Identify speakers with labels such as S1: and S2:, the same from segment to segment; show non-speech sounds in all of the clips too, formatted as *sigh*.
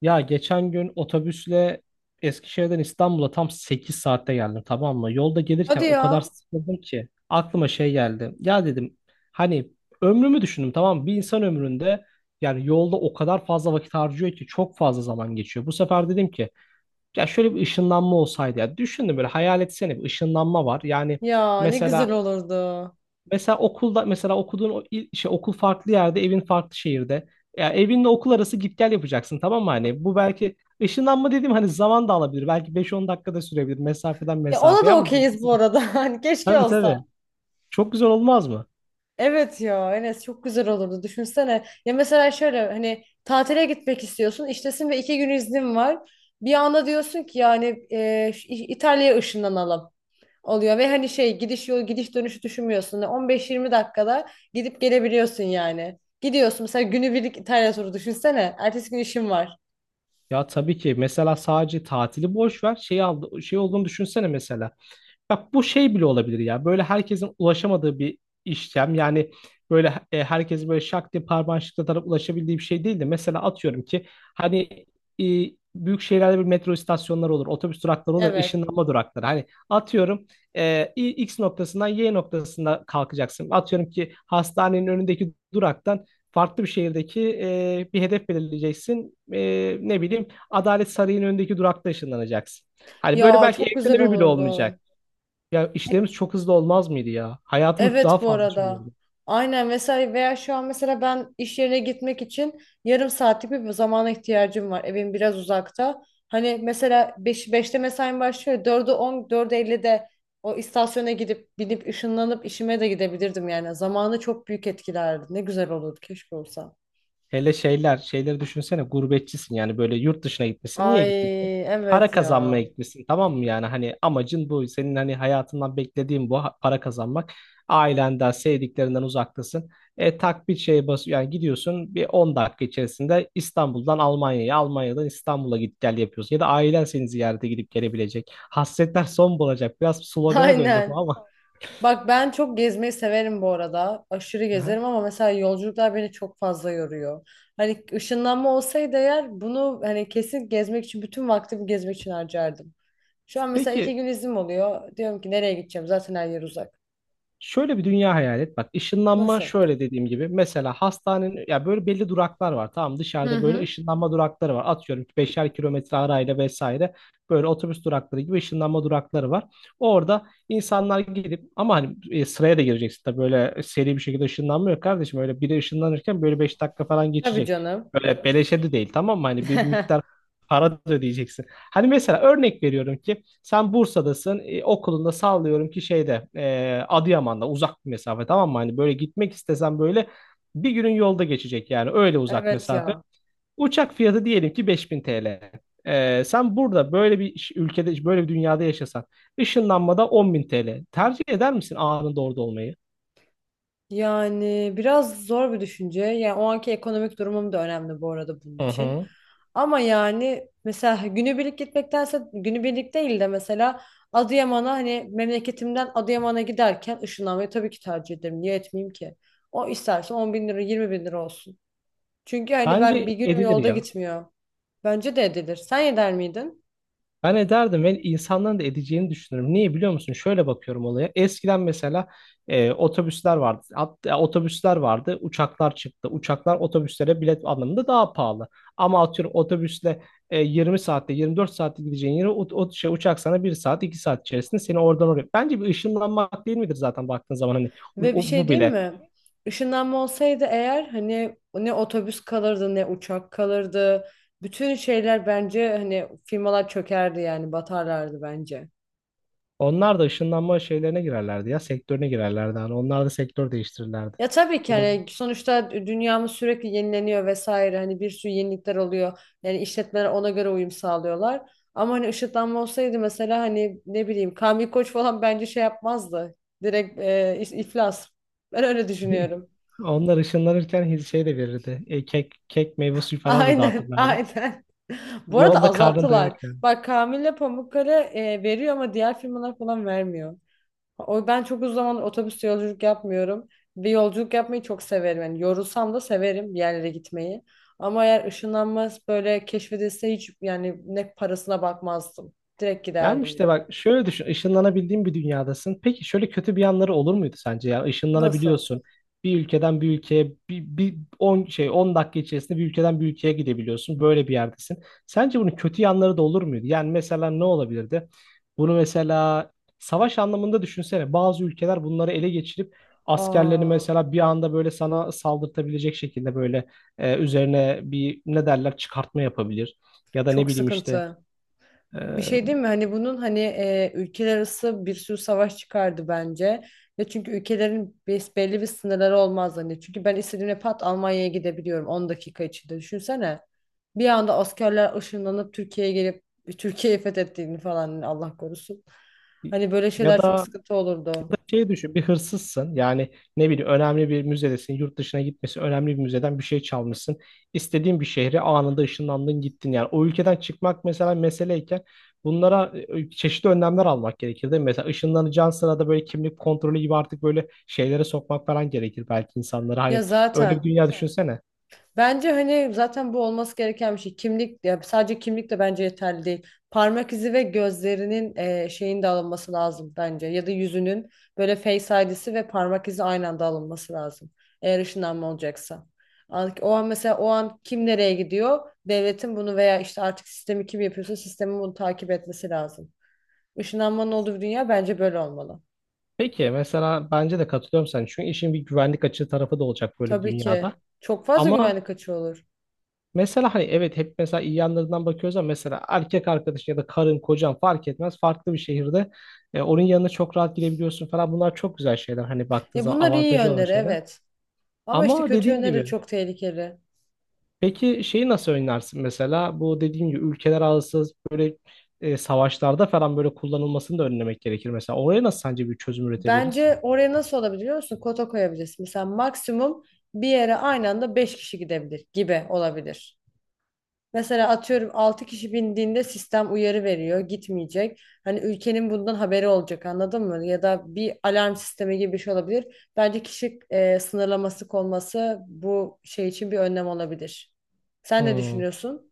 S1: Ya geçen gün otobüsle Eskişehir'den İstanbul'a tam 8 saatte geldim, tamam mı? Yolda
S2: Hadi
S1: gelirken o kadar
S2: ya.
S1: sıkıldım ki aklıma şey geldi. Ya dedim, hani ömrümü düşündüm, tamam mı? Bir insan ömründe yani yolda o kadar fazla vakit harcıyor ki çok fazla zaman geçiyor. Bu sefer dedim ki ya şöyle bir ışınlanma olsaydı ya, düşündüm böyle, hayal etsene bir ışınlanma var. Yani
S2: Ya ne
S1: mesela
S2: güzel olurdu.
S1: mesela okulda mesela okuduğun o şey okul farklı yerde, evin farklı şehirde. Ya evinle okul arası git gel yapacaksın, tamam mı? Hani bu belki ışınlanma dediğim hani zaman da alabilir. Belki 5-10 dakikada sürebilir mesafeden
S2: Ya ona da
S1: mesafeye, ama böyle
S2: okeyiz
S1: hızlı
S2: bu
S1: git.
S2: arada. *laughs* Hani keşke
S1: Tabii tabii.
S2: olsa.
S1: Çok güzel olmaz mı?
S2: Evet ya Enes çok güzel olurdu. Düşünsene. Ya mesela şöyle hani tatile gitmek istiyorsun. İştesin ve 2 gün iznin var. Bir anda diyorsun ki yani şu İtalya'ya ışınlanalım oluyor. Ve hani şey gidiş yol gidiş dönüşü düşünmüyorsun. Yani 15-20 dakikada gidip gelebiliyorsun yani. Gidiyorsun mesela günübirlik İtalya turu düşünsene. Ertesi gün işin var.
S1: Ya tabii ki. Mesela sadece tatili boş ver. Şey aldı, şey olduğunu düşünsene mesela. Bak bu şey bile olabilir ya. Böyle herkesin ulaşamadığı bir işlem. Yani böyle herkes böyle şak diye parmağını şıklatarak ulaşabildiği bir şey değil de, mesela atıyorum ki, hani, e, büyük şehirlerde bir metro istasyonları olur, otobüs durakları olur,
S2: Evet.
S1: ışınlanma durakları. Hani atıyorum X noktasından Y noktasına kalkacaksın. Atıyorum ki hastanenin önündeki duraktan farklı bir şehirdeki bir hedef belirleyeceksin. Ne bileyim, Adalet Sarayı'nın önündeki durakta ışınlanacaksın. Hani böyle
S2: Ya
S1: belki
S2: çok güzel
S1: evlenme bile
S2: olurdu.
S1: olmayacak. Ya işlerimiz çok hızlı olmaz mıydı ya? Hayatımız daha
S2: Evet bu
S1: fazla şey
S2: arada.
S1: olurdu.
S2: Aynen vesaire veya şu an mesela ben iş yerine gitmek için yarım saatlik bir zamana ihtiyacım var. Evim biraz uzakta. Hani mesela beşte mesaim başlıyor. 4'e 10 4'e 50'de o istasyona gidip binip ışınlanıp işime de gidebilirdim yani. Zamanı çok büyük etkilerdi. Ne güzel olurdu keşke olsa.
S1: Hele şeyleri düşünsene, gurbetçisin yani, böyle yurt dışına gitmişsin. Niye
S2: Ay
S1: gitmişsin? Para
S2: evet
S1: kazanmaya
S2: ya.
S1: gitmişsin, tamam mı, yani hani amacın bu. Senin hani hayatından beklediğin bu, para kazanmak. Ailenden, sevdiklerinden uzaktasın. E tak bir şeye bas, yani gidiyorsun bir 10 dakika içerisinde İstanbul'dan Almanya'ya, Almanya'dan İstanbul'a git gel yapıyorsun. Ya da ailen seni ziyarete gidip gelebilecek. Hasretler son bulacak. Biraz
S2: *laughs*
S1: slogana döndü bu
S2: Aynen.
S1: ama.
S2: Bak ben çok gezmeyi severim bu arada. Aşırı
S1: Aha.
S2: gezerim ama mesela yolculuklar beni çok fazla yoruyor. Hani ışınlanma olsaydı eğer bunu hani kesin gezmek için bütün vaktimi gezmek için harcardım. Şu an mesela iki
S1: Peki,
S2: gün iznim oluyor. Diyorum ki nereye gideceğim? Zaten her yer uzak.
S1: şöyle bir dünya hayal et. Bak, ışınlanma
S2: Nasıl?
S1: şöyle dediğim gibi. Mesela hastanenin, ya böyle belli duraklar var. Tamam,
S2: Hı
S1: dışarıda böyle
S2: hı.
S1: ışınlanma durakları var. Atıyorum 5'er kilometre arayla vesaire. Böyle otobüs durakları gibi ışınlanma durakları var. Orada insanlar gidip, ama hani sıraya da gireceksin tabii, böyle seri bir şekilde ışınlanmıyor kardeşim. Öyle biri ışınlanırken böyle 5 dakika falan
S2: Tabii
S1: geçecek.
S2: canım.
S1: Böyle beleşe de değil, tamam mı? Hani bir miktar
S2: *laughs*
S1: para da ödeyeceksin. Hani mesela örnek veriyorum ki, sen Bursa'dasın. Okulunda sallıyorum ki şeyde, Adıyaman'da, uzak bir mesafe, tamam mı? Hani böyle gitmek istesen böyle bir günün yolda geçecek, yani öyle uzak
S2: Evet
S1: mesafe.
S2: ya.
S1: Uçak fiyatı diyelim ki 5000 TL. Sen burada böyle bir ülkede, böyle bir dünyada yaşasan, ışınlanmada 10.000 TL. Tercih eder misin anında orada olmayı?
S2: Yani biraz zor bir düşünce. Yani o anki ekonomik durumum da önemli bu arada bunun
S1: Hı
S2: için.
S1: hı.
S2: Ama yani mesela günübirlik gitmektense günübirlik değil de mesela Adıyaman'a hani memleketimden Adıyaman'a giderken ışınlanmayı tabii ki tercih ederim. Niye etmeyeyim ki? O isterse 10 bin lira 20 bin lira olsun. Çünkü hani ben
S1: Bence
S2: bir günüm
S1: edilir
S2: yolda
S1: ya.
S2: gitmiyor. Bence de edilir. Sen eder miydin?
S1: Ben ederdim ve insanların da edeceğini düşünüyorum. Niye biliyor musun? Şöyle bakıyorum olaya. Eskiden mesela otobüsler vardı. Otobüsler vardı. Uçaklar çıktı. Uçaklar otobüslere bilet anlamında daha pahalı. Ama atıyorum otobüsle 20 saatte, 24 saatte gideceğin yere uçak sana bir saat, 2 saat içerisinde seni oradan oraya. Bence bir ışınlanmak değil midir zaten baktığın zaman, hani
S2: Ve bir şey
S1: bu
S2: diyeyim
S1: bile.
S2: mi? Işınlanma olsaydı eğer hani ne otobüs kalırdı ne uçak kalırdı. Bütün şeyler bence hani firmalar çökerdi yani batarlardı bence.
S1: Onlar da ışınlanma şeylerine girerlerdi ya, sektörüne girerlerdi. Hani onlar da sektör değiştirirlerdi.
S2: Ya tabii ki hani sonuçta dünyamız sürekli yenileniyor vesaire hani bir sürü yenilikler oluyor. Yani işletmeler ona göre uyum sağlıyorlar. Ama hani ışınlanma olsaydı mesela hani ne bileyim Kamil Koç falan bence şey yapmazdı. Direkt iflas. Ben öyle
S1: *laughs*
S2: düşünüyorum.
S1: Onlar ışınlanırken şey de verirdi. Kek, kek meyve suyu falan da
S2: Aynen,
S1: dağıtırlardı.
S2: aynen. *laughs* Bu arada
S1: Yolda karnın doyarak.
S2: azalttılar. Bak Kamil'le Pamukkale veriyor ama diğer firmalar falan vermiyor. O ben çok uzun zamandır otobüste yolculuk yapmıyorum. Bir yolculuk yapmayı çok severim. Yani yorulsam da severim bir yerlere gitmeyi. Ama eğer ışınlanmaz böyle keşfedilse hiç yani ne parasına bakmazdım. Direkt
S1: Yani
S2: giderdim yani.
S1: işte bak şöyle düşün. Işınlanabildiğin bir dünyadasın. Peki şöyle kötü bir yanları olur muydu sence ya?
S2: Nasıl?
S1: Işınlanabiliyorsun. Bir ülkeden bir ülkeye, bir, bir 10 dakika içerisinde bir ülkeden bir ülkeye gidebiliyorsun. Böyle bir yerdesin. Sence bunun kötü yanları da olur muydu? Yani mesela ne olabilirdi? Bunu mesela savaş anlamında düşünsene. Bazı ülkeler bunları ele geçirip askerlerini
S2: Aa,
S1: mesela bir anda böyle sana saldırtabilecek şekilde, böyle üzerine bir ne derler, çıkartma yapabilir. Ya da ne
S2: çok
S1: bileyim işte,
S2: sıkıntı.
S1: e,
S2: Bir şey değil mi? Hani bunun hani ülkeler arası bir sürü savaş çıkardı bence. Ve çünkü ülkelerin belli bir sınırları olmaz hani. Çünkü ben istediğimde pat Almanya'ya gidebiliyorum 10 dakika içinde. Düşünsene. Bir anda askerler ışınlanıp Türkiye'ye gelip Türkiye'yi fethettiğini falan hani Allah korusun. Hani böyle
S1: Ya
S2: şeyler çok
S1: da,
S2: sıkıntı
S1: ya da
S2: olurdu.
S1: şey düşün, bir hırsızsın yani, ne bileyim önemli bir müzedesin, yurt dışına gitmesi önemli bir müzeden bir şey çalmışsın, istediğin bir şehre anında ışınlandın, gittin. Yani o ülkeden çıkmak mesela meseleyken, bunlara çeşitli önlemler almak gerekir, değil mi? Mesela ışınlanacağın sırada böyle kimlik kontrolü gibi, artık böyle şeylere sokmak falan gerekir belki insanlara,
S2: Ya
S1: hani öyle bir
S2: zaten.
S1: dünya, evet. düşünsene.
S2: Bence hani zaten bu olması gereken bir şey. Kimlik ya sadece kimlik de bence yeterli değil. Parmak izi ve gözlerinin şeyin de alınması lazım bence. Ya da yüzünün böyle face ID'si ve parmak izi aynı anda alınması lazım. Eğer ışınlanma olacaksa. O an mesela o an kim nereye gidiyor? Devletin bunu veya işte artık sistemi kim yapıyorsa sistemin bunu takip etmesi lazım. Işınlanmanın olduğu bir dünya bence böyle olmalı.
S1: Peki mesela, bence de katılıyorum sen, çünkü işin bir güvenlik açığı tarafı da olacak böyle bir
S2: Tabii ki.
S1: dünyada.
S2: Çok fazla
S1: Ama
S2: güvenlik açığı olur.
S1: mesela, hani evet, hep mesela iyi yanlarından bakıyoruz, ama mesela erkek arkadaşın ya da karın, kocan fark etmez. Farklı bir şehirde onun yanına çok rahat gidebiliyorsun falan. Bunlar çok güzel şeyler, hani baktığın
S2: E
S1: zaman
S2: bunlar iyi
S1: avantajı olan
S2: yönleri,
S1: şeyler.
S2: evet. Ama işte
S1: Ama
S2: kötü
S1: dediğin
S2: yönleri de
S1: gibi,
S2: çok tehlikeli.
S1: peki şeyi nasıl önlersin mesela? Bu dediğim gibi, ülkeler arası böyle savaşlarda falan böyle kullanılmasını da önlemek gerekir mesela. Oraya nasıl sence bir çözüm üretebiliriz?
S2: Bence oraya nasıl olabilir biliyor musun? Kota koyabilirsin. Mesela maksimum bir yere aynı anda 5 kişi gidebilir gibi olabilir. Mesela atıyorum 6 kişi bindiğinde sistem uyarı veriyor, gitmeyecek. Hani ülkenin bundan haberi olacak anladın mı? Ya da bir alarm sistemi gibi bir şey olabilir. Bence kişi sınırlaması konması bu şey için bir önlem olabilir. Sen ne
S1: Hmm.
S2: düşünüyorsun?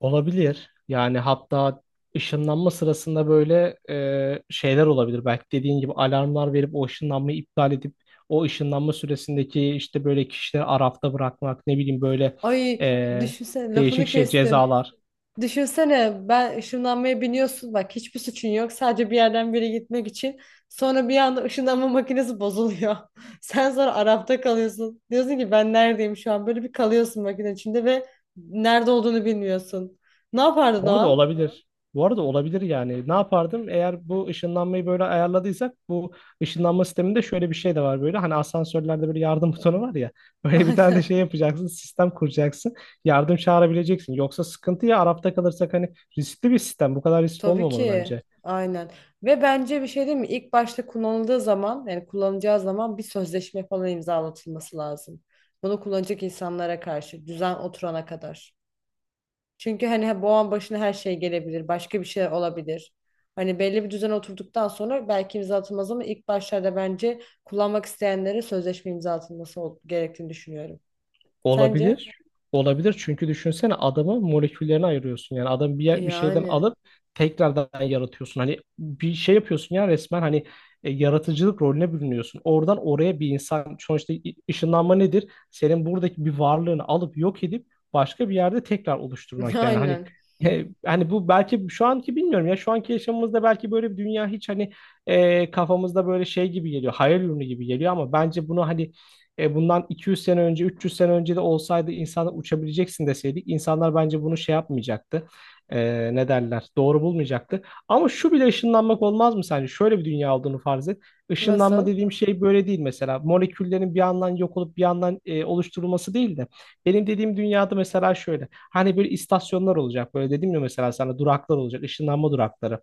S1: Olabilir. Yani hatta ışınlanma sırasında böyle şeyler olabilir. Belki dediğin gibi alarmlar verip o ışınlanmayı iptal edip, o ışınlanma süresindeki, işte böyle kişileri arafta bırakmak, ne bileyim, böyle
S2: Ay
S1: e,
S2: düşünsene
S1: değişik
S2: lafını
S1: şey
S2: kestim.
S1: cezalar.
S2: Düşünsene ben ışınlanmaya biniyorsun bak hiçbir suçun yok sadece bir yerden bir yere gitmek için sonra bir anda ışınlanma makinesi bozuluyor. *laughs* Sen sonra Arap'ta kalıyorsun diyorsun ki ben neredeyim şu an böyle bir kalıyorsun makine içinde ve nerede olduğunu bilmiyorsun. Ne yapardın o
S1: Bu arada
S2: an?
S1: olabilir. Bu arada olabilir yani. Ne yapardım? Eğer bu ışınlanmayı böyle ayarladıysak, bu ışınlanma sisteminde şöyle bir şey de var böyle. Hani asansörlerde böyle yardım *laughs* butonu var ya.
S2: *laughs*
S1: Böyle bir tane de
S2: Aynen.
S1: şey yapacaksın. Sistem kuracaksın. Yardım çağırabileceksin. Yoksa sıkıntı ya, Arap'ta kalırsak, hani riskli bir sistem. Bu kadar riskli
S2: Tabii
S1: olmamalı
S2: ki
S1: bence.
S2: aynen ve bence bir şey değil mi? İlk başta kullanıldığı zaman yani kullanılacağı zaman bir sözleşme falan imzalatılması lazım. Bunu kullanacak insanlara karşı düzen oturana kadar. Çünkü hani bu an başına her şey gelebilir. Başka bir şey olabilir. Hani belli bir düzen oturduktan sonra belki imza atılmaz ama ilk başlarda bence kullanmak isteyenlere sözleşme imza atılması gerektiğini düşünüyorum. Sence?
S1: Olabilir. Olabilir, çünkü düşünsene, adamı moleküllerine ayırıyorsun. Yani adam bir şeyden
S2: Yani.
S1: alıp tekrardan yaratıyorsun. Hani bir şey yapıyorsun ya resmen, hani yaratıcılık rolüne bürünüyorsun. Oradan oraya bir insan sonuçta, ışınlanma nedir? Senin buradaki bir varlığını alıp yok edip başka bir yerde tekrar
S2: *laughs*
S1: oluşturmak, yani hani
S2: Aynen.
S1: bu belki şu anki, bilmiyorum ya, şu anki yaşamımızda belki böyle bir dünya hiç, hani kafamızda böyle şey gibi geliyor, hayal ürünü gibi geliyor, ama bence bunu, hani bundan 200 sene önce, 300 sene önce de olsaydı, insanlar uçabileceksin deseydik, insanlar bence bunu şey yapmayacaktı. Ne derler? Doğru bulmayacaktı. Ama şu bile ışınlanmak olmaz mı sence? Şöyle bir dünya olduğunu farz et. Işınlanma
S2: Nasıl?
S1: dediğim şey böyle değil mesela. Moleküllerin bir yandan yok olup bir yandan oluşturulması değil de. Benim dediğim dünyada mesela şöyle. Hani böyle istasyonlar olacak. Böyle dedim ya, mesela sana duraklar olacak. Işınlanma durakları.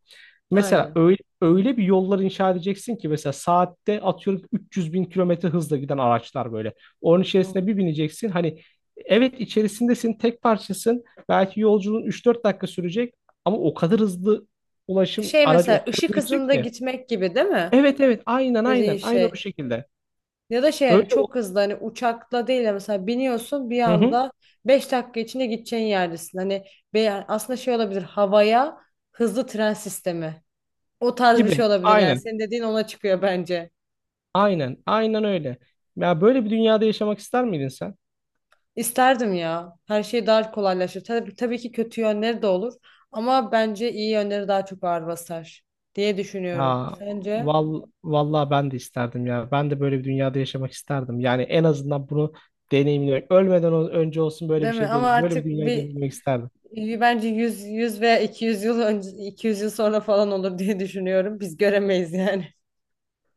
S1: Mesela
S2: Aynen.
S1: öyle bir yollar inşa edeceksin ki, mesela saatte atıyorum 300 bin kilometre hızla giden araçlar böyle. Onun içerisine bir bineceksin. Hani evet, içerisindesin, tek parçasın. Belki yolculuğun üç dört dakika sürecek, ama o kadar hızlı ulaşım
S2: Şey
S1: aracı o
S2: mesela
S1: kadar hızlı
S2: ışık
S1: gidecek
S2: hızında
S1: ki.
S2: gitmek gibi değil mi?
S1: Evet evet, aynen
S2: Dediğin
S1: aynen aynen, o
S2: şey.
S1: şekilde.
S2: Ya da şey yani
S1: Öyle, o
S2: çok hızlı hani uçakla değil de mesela biniyorsun bir
S1: hı hı,
S2: anda 5 dakika içinde gideceğin yerdesin. Hani aslında şey olabilir havaya hızlı tren sistemi. O tarz bir şey
S1: gibi
S2: olabilir yani
S1: aynen
S2: senin dediğin ona çıkıyor bence.
S1: aynen aynen öyle. Ya böyle bir dünyada yaşamak ister miydin sen?
S2: İsterdim ya. Her şey daha kolaylaşır. Tabii, tabii ki kötü yönleri de olur ama bence iyi yönleri daha çok ağır basar diye düşünüyorum.
S1: Ya,
S2: Sence?
S1: vallahi ben de isterdim ya. Ben de böyle bir dünyada yaşamak isterdim. Yani en azından bunu deneyimlemek. Ölmeden önce olsun böyle
S2: Değil
S1: bir
S2: mi?
S1: şey,
S2: Ama
S1: değil. Böyle bir
S2: artık
S1: dünyayı
S2: bir
S1: deneyimlemek isterdim.
S2: bir Bence 100 veya 200 yıl önce 200 yıl sonra falan olur diye düşünüyorum. Biz göremeyiz yani.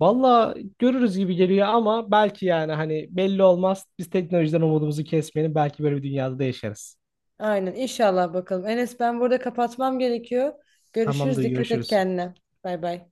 S1: Vallahi görürüz gibi geliyor, ama belki, yani hani belli olmaz. Biz teknolojiden umudumuzu kesmeyelim. Belki böyle bir dünyada da yaşarız.
S2: Aynen inşallah bakalım. Enes ben burada kapatmam gerekiyor. Görüşürüz.
S1: Tamamdır,
S2: Dikkat et
S1: görüşürüz.
S2: kendine. Bay bay.